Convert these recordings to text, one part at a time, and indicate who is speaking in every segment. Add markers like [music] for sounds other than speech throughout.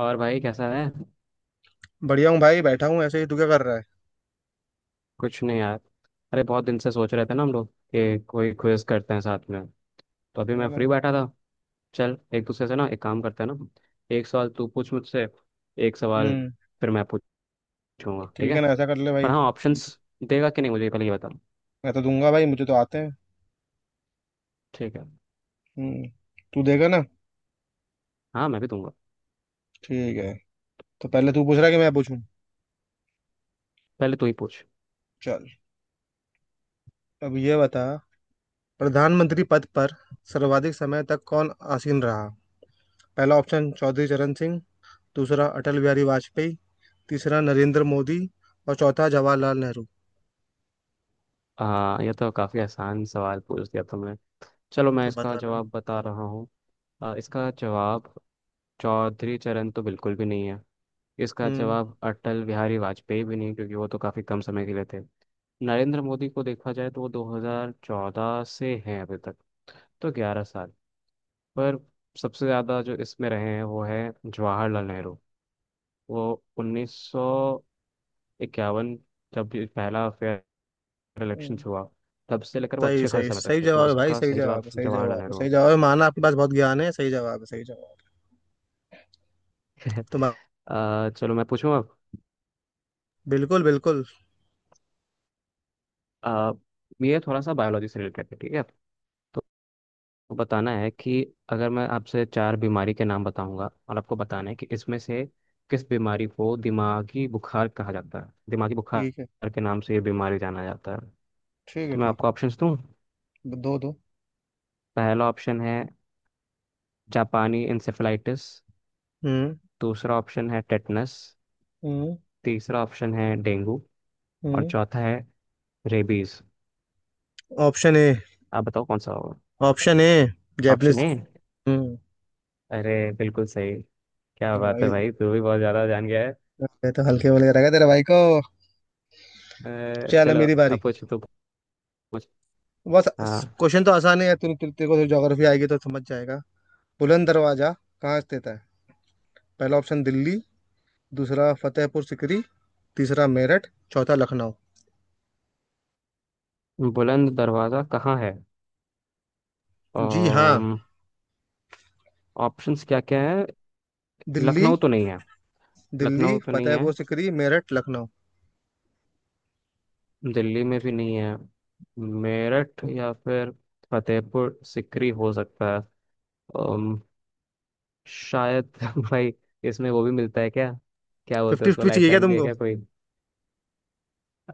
Speaker 1: और भाई कैसा है।
Speaker 2: बढ़िया हूँ भाई, बैठा हूँ ऐसे ही। तू क्या कर रहा है?
Speaker 1: कुछ नहीं यार। अरे बहुत दिन से सोच रहे थे ना हम लोग कि कोई क्विज करते हैं साथ में। तो अभी मैं
Speaker 2: और?
Speaker 1: फ्री बैठा था। चल एक दूसरे से ना एक काम करते हैं ना, एक सवाल तू पूछ मुझसे। एक सवाल,
Speaker 2: हम्म।
Speaker 1: फिर मैं पूछूंगा, ठीक
Speaker 2: ठीक
Speaker 1: है?
Speaker 2: है ना, ऐसा कर ले भाई।
Speaker 1: पर हाँ,
Speaker 2: चल।
Speaker 1: ऑप्शंस देगा कि नहीं मुझे पहले ये बता।
Speaker 2: मैं तो दूंगा भाई, मुझे तो आते हैं।
Speaker 1: ठीक है,
Speaker 2: हम्म। तू देगा ना?
Speaker 1: हाँ मैं भी दूंगा।
Speaker 2: ठीक है। तो पहले तू पूछ रहा है कि मैं पूछूं?
Speaker 1: पहले तू ही पूछ।
Speaker 2: चल। अब ये बता, प्रधानमंत्री पद पर सर्वाधिक समय तक कौन आसीन रहा? पहला ऑप्शन चौधरी चरण सिंह। दूसरा अटल बिहारी वाजपेयी। तीसरा नरेंद्र मोदी। और चौथा जवाहरलाल नेहरू।
Speaker 1: हाँ, ये तो काफ़ी आसान सवाल पूछ दिया तुमने। चलो मैं
Speaker 2: तो
Speaker 1: इसका
Speaker 2: बताना।
Speaker 1: जवाब बता रहा हूँ। इसका जवाब, चौधरी चरण तो बिल्कुल भी नहीं है। इसका
Speaker 2: हम्म।
Speaker 1: जवाब अटल बिहारी वाजपेयी भी नहीं, क्योंकि वो तो काफ़ी कम समय के लिए थे। नरेंद्र मोदी को देखा जाए तो वो 2014 से हैं अभी तक, तो 11 साल। पर सबसे ज़्यादा जो इसमें रहे हैं वो है जवाहरलाल नेहरू। वो 1951, जब ये पहला फेयर इलेक्शन
Speaker 2: हम्म,
Speaker 1: हुआ, तब से लेकर वो
Speaker 2: सही
Speaker 1: अच्छे खासे
Speaker 2: सही
Speaker 1: समय
Speaker 2: सही
Speaker 1: तक थे। तो
Speaker 2: जवाब है भाई।
Speaker 1: इसका
Speaker 2: सही
Speaker 1: सही जवाब
Speaker 2: जवाब है। सही
Speaker 1: जवाहरलाल
Speaker 2: जवाब है।
Speaker 1: नेहरू।
Speaker 2: सही जवाब है। माना आपके पास बहुत ज्ञान है। सही जवाब है। सही जवाब है।
Speaker 1: [laughs] चलो मैं पूछूं अब।
Speaker 2: बिल्कुल बिल्कुल।
Speaker 1: अ, ये थोड़ा सा बायोलॉजी से रिलेटेड है, ठीक है? बताना है कि अगर मैं आपसे चार बीमारी के नाम बताऊंगा और आपको बताना है कि इसमें से किस बीमारी को दिमागी बुखार कहा जाता है, दिमागी
Speaker 2: ठीक है।
Speaker 1: बुखार के नाम से ये बीमारी जाना जाता है।
Speaker 2: ठीक है
Speaker 1: तो मैं
Speaker 2: ठीक
Speaker 1: आपको
Speaker 2: है।
Speaker 1: ऑप्शंस दूं।
Speaker 2: दो दो।
Speaker 1: पहला ऑप्शन है जापानी इंसेफेलाइटिस।
Speaker 2: हम्म।
Speaker 1: दूसरा ऑप्शन है टेटनस।
Speaker 2: हम्म।
Speaker 1: तीसरा ऑप्शन है डेंगू। और
Speaker 2: हम्म।
Speaker 1: चौथा है रेबीज।
Speaker 2: Option A.
Speaker 1: आप बताओ कौन सा होगा।
Speaker 2: Option A.
Speaker 1: Option
Speaker 2: Japanese.
Speaker 1: A.
Speaker 2: हम्म।
Speaker 1: अरे बिल्कुल सही। क्या बात है
Speaker 2: भाई,
Speaker 1: भाई, तू भी बहुत ज्यादा जान गया
Speaker 2: ये तो हल्के वाले रहेगा तेरे भाई को।
Speaker 1: है।
Speaker 2: चल
Speaker 1: चलो
Speaker 2: मेरी बारी।
Speaker 1: अब पूछ तो, पूछ।
Speaker 2: बस।
Speaker 1: हाँ।
Speaker 2: क्वेश्चन तो आसान है, तेरे को ज्योग्राफी आएगी तो समझ जाएगा। बुलंद दरवाजा कहाँ स्थित है? पहला ऑप्शन दिल्ली। दूसरा फतेहपुर सिकरी। तीसरा मेरठ। चौथा लखनऊ।
Speaker 1: बुलंद दरवाज़ा कहाँ है?
Speaker 2: जी हाँ।
Speaker 1: ऑप्शंस क्या क्या है?
Speaker 2: दिल्ली।
Speaker 1: लखनऊ तो नहीं है।
Speaker 2: दिल्ली,
Speaker 1: लखनऊ तो नहीं है।
Speaker 2: फतेहपुर सिकरी, मेरठ, लखनऊ।
Speaker 1: दिल्ली में भी नहीं है। मेरठ या फिर फतेहपुर सिकरी हो सकता है। अम, शायद [laughs] भाई इसमें वो भी मिलता है क्या? क्या बोलते हैं
Speaker 2: फिफ्टी
Speaker 1: उसको,
Speaker 2: फिफ्टी चाहिए क्या
Speaker 1: लाइफलाइन भी है
Speaker 2: तुमको?
Speaker 1: क्या कोई?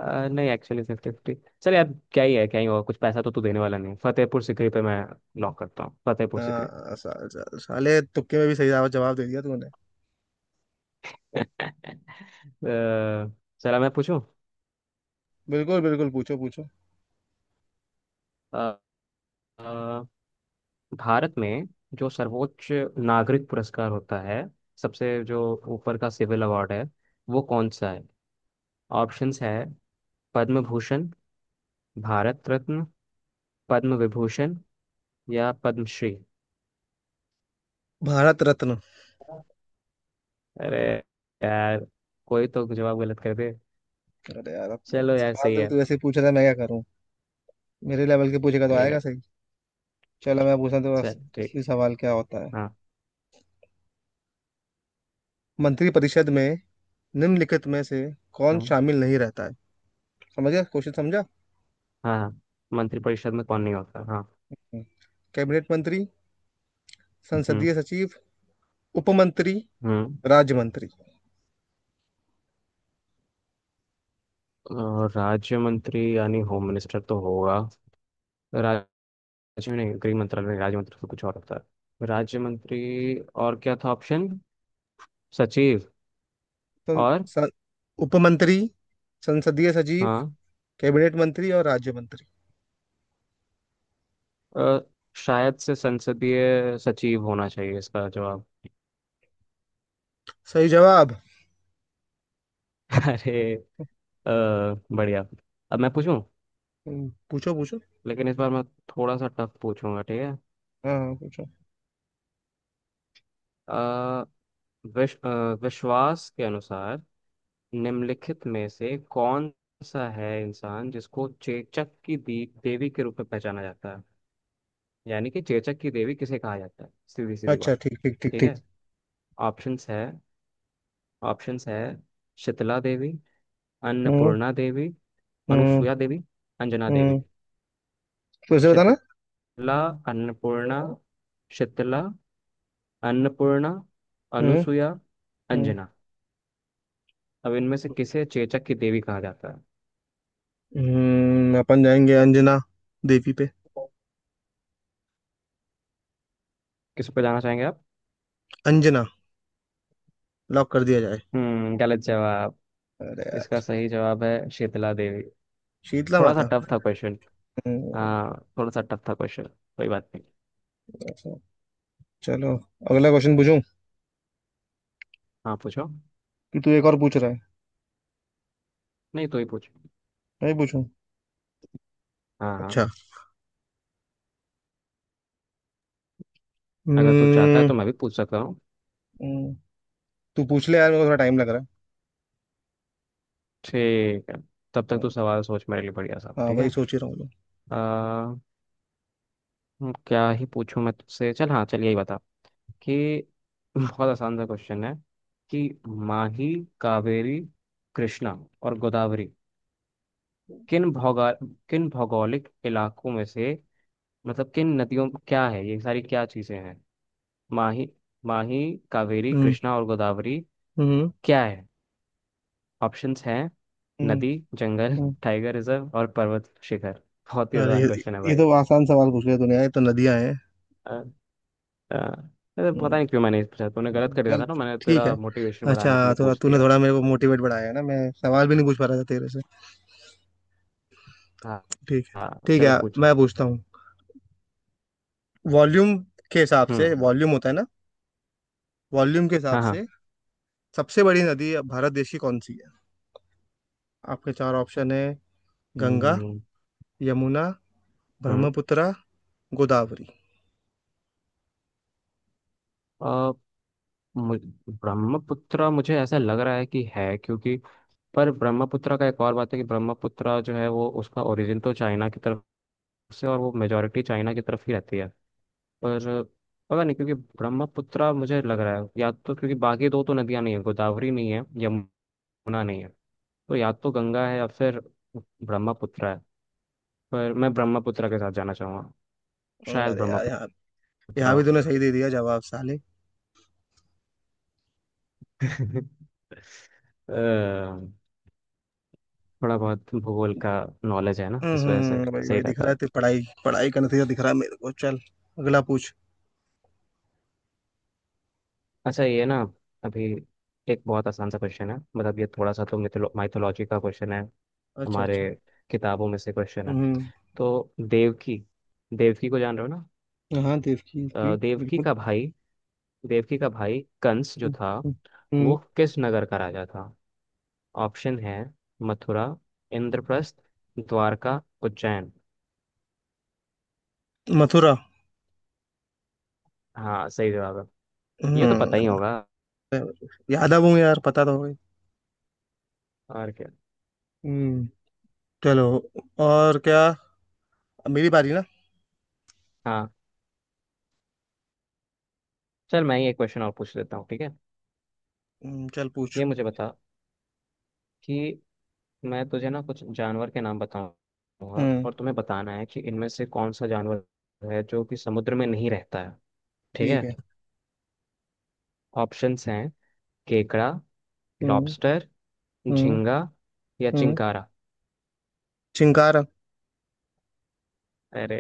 Speaker 1: नहीं, एक्चुअली फिफ्टी फिफ्टी चल यार, क्या ही है, क्या ही होगा, कुछ पैसा तो तू देने वाला नहीं है। फतेहपुर सिकरी पे मैं लॉक करता हूँ, फतेहपुर सिकरी।
Speaker 2: हाँ, सा, सा, साले तुक्के में भी सही जवाब जवाब दे दिया तूने।
Speaker 1: [laughs] अ, चला मैं पूछूं।
Speaker 2: बिल्कुल बिल्कुल। पूछो पूछो।
Speaker 1: अ, भारत में जो सर्वोच्च नागरिक पुरस्कार होता है, सबसे जो ऊपर का सिविल अवार्ड है, वो कौन सा है? ऑप्शंस है पद्म भूषण, भारत रत्न, पद्म विभूषण, या पद्मश्री।
Speaker 2: भारत रत्न।
Speaker 1: अरे यार, कोई तो जवाब गलत कर दे।
Speaker 2: अरे यार अब
Speaker 1: चलो यार
Speaker 2: सवाल
Speaker 1: सही
Speaker 2: तो
Speaker 1: है।
Speaker 2: तू वैसे ही पूछ रहा है, मैं क्या करूं? मेरे लेवल के पूछेगा तो
Speaker 1: ठीक
Speaker 2: आएगा
Speaker 1: है।
Speaker 2: सही। चलो मैं पूछता हूं तो
Speaker 1: चल ठीक।
Speaker 2: असली सवाल क्या होता है।
Speaker 1: हाँ,
Speaker 2: मंत्री परिषद में निम्नलिखित में से कौन
Speaker 1: हाँ।
Speaker 2: शामिल नहीं रहता है? समझ गया? क्वेश्चन समझा?
Speaker 1: हाँ। मंत्रिपरिषद में कौन नहीं होता, हाँ।
Speaker 2: हम्म। कैबिनेट मंत्री।
Speaker 1: हम्म।
Speaker 2: संसदीय सचिव। उप मंत्री।
Speaker 1: हम्म।
Speaker 2: राज्य मंत्री।
Speaker 1: और राज्य मंत्री यानी होम मिनिस्टर तो होगा। राज्य में नहीं, गृह मंत्रालय, राज्य मंत्री से कुछ और होता है, राज्य मंत्री। और क्या था ऑप्शन? सचिव
Speaker 2: तो
Speaker 1: और।
Speaker 2: स- उप मंत्री, संसदीय सचिव,
Speaker 1: हाँ।
Speaker 2: कैबिनेट मंत्री और राज्य मंत्री।
Speaker 1: अ, शायद से संसदीय सचिव होना चाहिए इसका जवाब।
Speaker 2: सही जवाब।
Speaker 1: [laughs] अरे। अ, बढ़िया। अब मैं पूछूं,
Speaker 2: पूछो पूछो।
Speaker 1: लेकिन इस बार मैं थोड़ा सा टफ पूछूंगा, ठीक है?
Speaker 2: हाँ हाँ, पूछो।
Speaker 1: अ, विश, अ, विश्वास के अनुसार निम्नलिखित में से कौन सा है इंसान जिसको चेचक की देवी के रूप में पहचाना जाता है, यानी कि चेचक की देवी किसे कहा जाता है, सीधी सीधी
Speaker 2: अच्छा,
Speaker 1: बात।
Speaker 2: ठीक ठीक ठीक
Speaker 1: ठीक है।
Speaker 2: ठीक।
Speaker 1: ऑप्शंस है ऑप्शंस है शीतला देवी,
Speaker 2: हम्म।
Speaker 1: अन्नपूर्णा देवी,
Speaker 2: हम्म।
Speaker 1: अनुसुया देवी, अंजना देवी।
Speaker 2: हम्म। फिर से बताना।
Speaker 1: शीतला अन्नपूर्णा शीतला, अन्नपूर्णा,
Speaker 2: हम्म।
Speaker 1: अनुसुया,
Speaker 2: हम्म।
Speaker 1: अंजना। अब इनमें से किसे चेचक की देवी कहा जाता है?
Speaker 2: अपन जाएंगे अंजना देवी पे।
Speaker 1: किस पे जाना चाहेंगे आप?
Speaker 2: अंजना। लॉक कर दिया जाए।
Speaker 1: हम्म, गलत जवाब।
Speaker 2: अरे
Speaker 1: इसका
Speaker 2: यार।
Speaker 1: सही जवाब है शीतला देवी।
Speaker 2: शीतला
Speaker 1: थोड़ा सा
Speaker 2: माता।
Speaker 1: टफ था क्वेश्चन।
Speaker 2: हम्म।
Speaker 1: हाँ, थोड़ा सा टफ था क्वेश्चन, कोई बात नहीं।
Speaker 2: अच्छा। चलो। अगला क्वेश्चन पूछूं,
Speaker 1: हाँ पूछो।
Speaker 2: कि तू एक और पूछ रहा है?
Speaker 1: नहीं, तो ही पूछ।
Speaker 2: मैं ही पूछूं।
Speaker 1: हाँ, हाँ।
Speaker 2: अच्छा।
Speaker 1: अगर तू चाहता है
Speaker 2: हम्म।
Speaker 1: तो मैं भी पूछ सकता हूँ।
Speaker 2: हम्म, तू पूछ ले यार, मेरे को थोड़ा टाइम लग रहा है।
Speaker 1: ठीक है, तब तक तू
Speaker 2: हम्म,
Speaker 1: सवाल सोच मेरे लिए, बढ़िया साहब,
Speaker 2: हाँ,
Speaker 1: ठीक
Speaker 2: वही
Speaker 1: है?
Speaker 2: सोच ही रहा हूँ मैं।
Speaker 1: आ, हम्म, क्या ही पूछूं मैं तुझसे, चल, हाँ चल, यही बता कि [laughs] बहुत आसान सा क्वेश्चन है, कि माही, कावेरी, कृष्णा और गोदावरी किन भौगा किन भौगोलिक इलाकों में से, मतलब किन नदियों, क्या है ये सारी, क्या चीजें हैं? माही माही, कावेरी,
Speaker 2: हम्म।
Speaker 1: कृष्णा और गोदावरी
Speaker 2: हम्म।
Speaker 1: क्या है? ऑप्शंस हैं
Speaker 2: हम्म।
Speaker 1: नदी, जंगल,
Speaker 2: हम्म,
Speaker 1: टाइगर रिजर्व और पर्वत शिखर। बहुत ही
Speaker 2: अरे
Speaker 1: आसान
Speaker 2: ये
Speaker 1: क्वेश्चन है
Speaker 2: ये
Speaker 1: भाई।
Speaker 2: तो आसान सवाल पूछ लिया तूने यार, ये तो नदियां हैं।
Speaker 1: अ, अ, अरे पता
Speaker 2: हम्म,
Speaker 1: नहीं क्यों मैंने इस पूछा, तूने गलत कर दिया
Speaker 2: चल
Speaker 1: था ना, मैंने
Speaker 2: ठीक है।
Speaker 1: तेरा मोटिवेशन
Speaker 2: अच्छा,
Speaker 1: बढ़ाने के लिए
Speaker 2: थोड़ा
Speaker 1: पूछ
Speaker 2: तूने
Speaker 1: दिया।
Speaker 2: थोड़ा मेरे को मोटिवेट बढ़ाया है ना, मैं सवाल भी नहीं पूछ पा रहा था तेरे से।
Speaker 1: हाँ।
Speaker 2: ठीक है।
Speaker 1: हाँ
Speaker 2: ठीक
Speaker 1: चलो
Speaker 2: है,
Speaker 1: पूछ।
Speaker 2: मैं पूछता हूँ। वॉल्यूम के हिसाब से,
Speaker 1: हम्म।
Speaker 2: वॉल्यूम होता है ना। वॉल्यूम के हिसाब
Speaker 1: हाँ, हाँ।
Speaker 2: से सबसे बड़ी नदी भारत देश की कौन सी है? आपके चार ऑप्शन है। गंगा।
Speaker 1: हम्म।
Speaker 2: यमुना।
Speaker 1: हम्म।
Speaker 2: ब्रह्मपुत्र। गोदावरी।
Speaker 1: अ, मु- ब्रह्मपुत्र मुझे ऐसा लग रहा है कि है, क्योंकि, पर ब्रह्मपुत्र का एक और बात है कि ब्रह्मपुत्र जो है वो उसका ओरिजिन तो चाइना की तरफ से, और वो मेजोरिटी चाइना की तरफ ही रहती है। पर पता नहीं, क्योंकि ब्रह्मपुत्र मुझे लग रहा है, या तो, क्योंकि बाकी दो तो नदियां नहीं है, गोदावरी नहीं है, यमुना नहीं है, तो या तो गंगा है या फिर ब्रह्मपुत्र है। पर मैं ब्रह्मपुत्र के साथ जाना चाहूंगा, शायद
Speaker 2: अरे यार, यहाँ
Speaker 1: ब्रह्मपुत्र
Speaker 2: यहाँ भी
Speaker 1: हो।
Speaker 2: तूने सही दे दिया जवाब साले।
Speaker 1: [laughs] अ, थोड़ा बहुत भूगोल का नॉलेज है ना,
Speaker 2: हम्म।
Speaker 1: इस वजह से
Speaker 2: भाई
Speaker 1: सही
Speaker 2: भाई, दिख
Speaker 1: रहता
Speaker 2: रहा है,
Speaker 1: है।
Speaker 2: तेरी पढ़ाई पढ़ाई का नतीजा दिख रहा है मेरे को। चल अगला पूछ।
Speaker 1: अच्छा ये ना, अभी एक बहुत आसान सा क्वेश्चन है, मतलब ये थोड़ा सा तो मिथोलॉजी का क्वेश्चन है,
Speaker 2: अच्छा
Speaker 1: हमारे
Speaker 2: अच्छा।
Speaker 1: किताबों में से क्वेश्चन है।
Speaker 2: हम्म।
Speaker 1: तो देवकी, देवकी को जान रहे हो ना?
Speaker 2: हाँ, देव की जी
Speaker 1: देवकी
Speaker 2: बिल्कुल।
Speaker 1: का भाई, देवकी का भाई कंस जो
Speaker 2: हम्म।
Speaker 1: था,
Speaker 2: हम्म,
Speaker 1: वो किस नगर का राजा था? ऑप्शन है मथुरा, इंद्रप्रस्थ, द्वारका, उज्जैन।
Speaker 2: मथुरा।
Speaker 1: हाँ सही जवाब है। ये तो पता ही
Speaker 2: हम्म।
Speaker 1: होगा।
Speaker 2: याद आ गई यार, पता तो हो गई।
Speaker 1: और क्या।
Speaker 2: हम्म। चलो। और क्या। अब मेरी बारी ना?
Speaker 1: हाँ, चल मैं ही एक क्वेश्चन और पूछ लेता हूँ, ठीक है?
Speaker 2: चल पूछ।
Speaker 1: ये मुझे बता कि मैं तुझे ना कुछ जानवर के नाम बताऊंगा
Speaker 2: हम्म।
Speaker 1: और तुम्हें बताना है कि इनमें से कौन सा जानवर है जो कि समुद्र में नहीं रहता है, ठीक
Speaker 2: ठीक
Speaker 1: है?
Speaker 2: है।
Speaker 1: ऑप्शंस हैं केकड़ा,
Speaker 2: हम्म।
Speaker 1: लॉबस्टर,
Speaker 2: हम्म।
Speaker 1: झींगा, या
Speaker 2: हम्म।
Speaker 1: चिंकारा।
Speaker 2: चिंकारा।
Speaker 1: अरे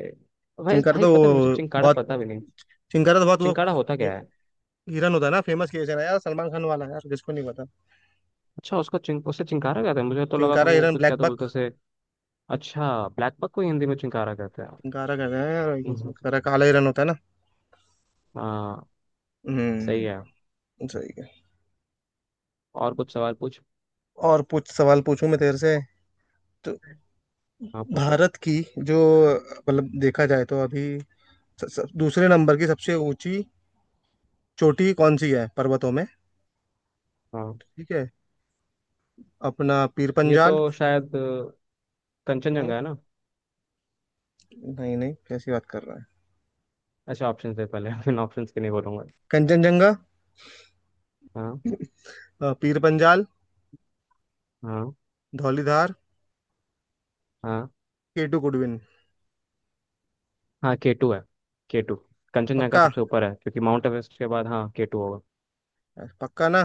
Speaker 1: भाई
Speaker 2: चिंकारा
Speaker 1: भाई
Speaker 2: तो
Speaker 1: पता है मुझे,
Speaker 2: वो
Speaker 1: चिंकारा
Speaker 2: बहुत
Speaker 1: पता भी नहीं।
Speaker 2: चिंकारा तो बहुत वो,
Speaker 1: चिंकारा होता
Speaker 2: हि-
Speaker 1: क्या है?
Speaker 2: हिरन होता है ना। फेमस केस है ना यार, सलमान खान वाला, यार जिसको नहीं पता।
Speaker 1: अच्छा, उसको चिंक, उसे चिंकारा कहते हैं, मुझे तो लगा था
Speaker 2: चिंकारा,
Speaker 1: वो
Speaker 2: हिरन,
Speaker 1: कुछ क्या
Speaker 2: ब्लैक
Speaker 1: तो बोलते
Speaker 2: बक।
Speaker 1: से। अच्छा, ब्लैक बक को ही हिंदी में चिंकारा कहते हैं।
Speaker 2: चिंकारा कहते हैं यार, I guess,
Speaker 1: हम्म,
Speaker 2: उसका काला हिरन होता है ना।
Speaker 1: हाँ, सही है।
Speaker 2: हम्म। सही है।
Speaker 1: और कुछ सवाल पूछ।
Speaker 2: और पूछ। सवाल पूछूं मैं तेरे से?
Speaker 1: हाँ पूछो।
Speaker 2: भारत की जो, मतलब देखा जाए तो अभी, स, स, दूसरे नंबर की सबसे ऊंची चोटी कौन सी है पर्वतों में?
Speaker 1: हाँ,
Speaker 2: ठीक है। अपना पीर
Speaker 1: ये
Speaker 2: पंजाल।
Speaker 1: तो शायद
Speaker 2: हम्म,
Speaker 1: कंचनजंगा है ना।
Speaker 2: नहीं नहीं, कैसी बात कर रहा है?
Speaker 1: अच्छा ऑप्शन दे पहले, [laughs] मैं ऑप्शन के नहीं बोलूंगा।
Speaker 2: कंचनजंगा।
Speaker 1: हाँ।
Speaker 2: पीर पंजाल।
Speaker 1: हाँ।
Speaker 2: धौलीधार।
Speaker 1: हाँ।
Speaker 2: K two Godwin.
Speaker 1: हाँ K2 है, K2। कंचनजंगा
Speaker 2: पक्का?
Speaker 1: सबसे ऊपर है, क्योंकि माउंट एवरेस्ट के बाद, हाँ, K2 होगा।
Speaker 2: यार, पक्का ना?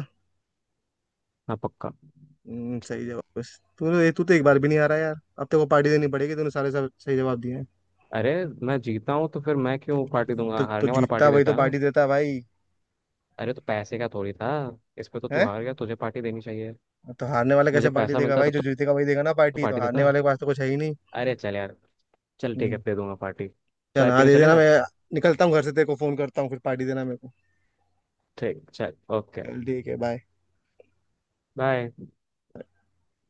Speaker 1: हाँ पक्का।
Speaker 2: सही जवाब। बस तू तो, तू तो एक बार भी नहीं आ रहा यार। अब तेरे को पार्टी देनी पड़ेगी, तूने सारे सब सही जवाब दिए हैं।
Speaker 1: अरे मैं जीता हूँ तो फिर मैं क्यों पार्टी दूंगा,
Speaker 2: तो
Speaker 1: हारने वाला
Speaker 2: जीतता
Speaker 1: पार्टी
Speaker 2: वही
Speaker 1: देता
Speaker 2: तो
Speaker 1: है ना।
Speaker 2: पार्टी देता है भाई।
Speaker 1: अरे तो पैसे का थोड़ी था, इस पे तो तू
Speaker 2: है।
Speaker 1: हार गया, तुझे पार्टी देनी चाहिए।
Speaker 2: तो हारने वाला कैसे
Speaker 1: मुझे
Speaker 2: पार्टी
Speaker 1: पैसा
Speaker 2: देगा
Speaker 1: मिलता
Speaker 2: भाई?
Speaker 1: तब
Speaker 2: जो जीतेगा वही देगा ना
Speaker 1: तो
Speaker 2: पार्टी, तो
Speaker 1: पार्टी
Speaker 2: हारने
Speaker 1: देता।
Speaker 2: वाले के पास तो कुछ है ही नहीं।
Speaker 1: अरे चल यार, चल ठीक
Speaker 2: हम्म,
Speaker 1: है, दे दूंगा पार्टी।
Speaker 2: चल,
Speaker 1: चाय
Speaker 2: हाँ
Speaker 1: पीने
Speaker 2: दे देना।
Speaker 1: चलेगा?
Speaker 2: मैं निकलता हूँ घर से, तेरे को फोन करता हूँ, फिर पार्टी देना मेरे को।
Speaker 1: ठीक, चल, ओके।
Speaker 2: चल ठीक है, बाय।
Speaker 1: बाय।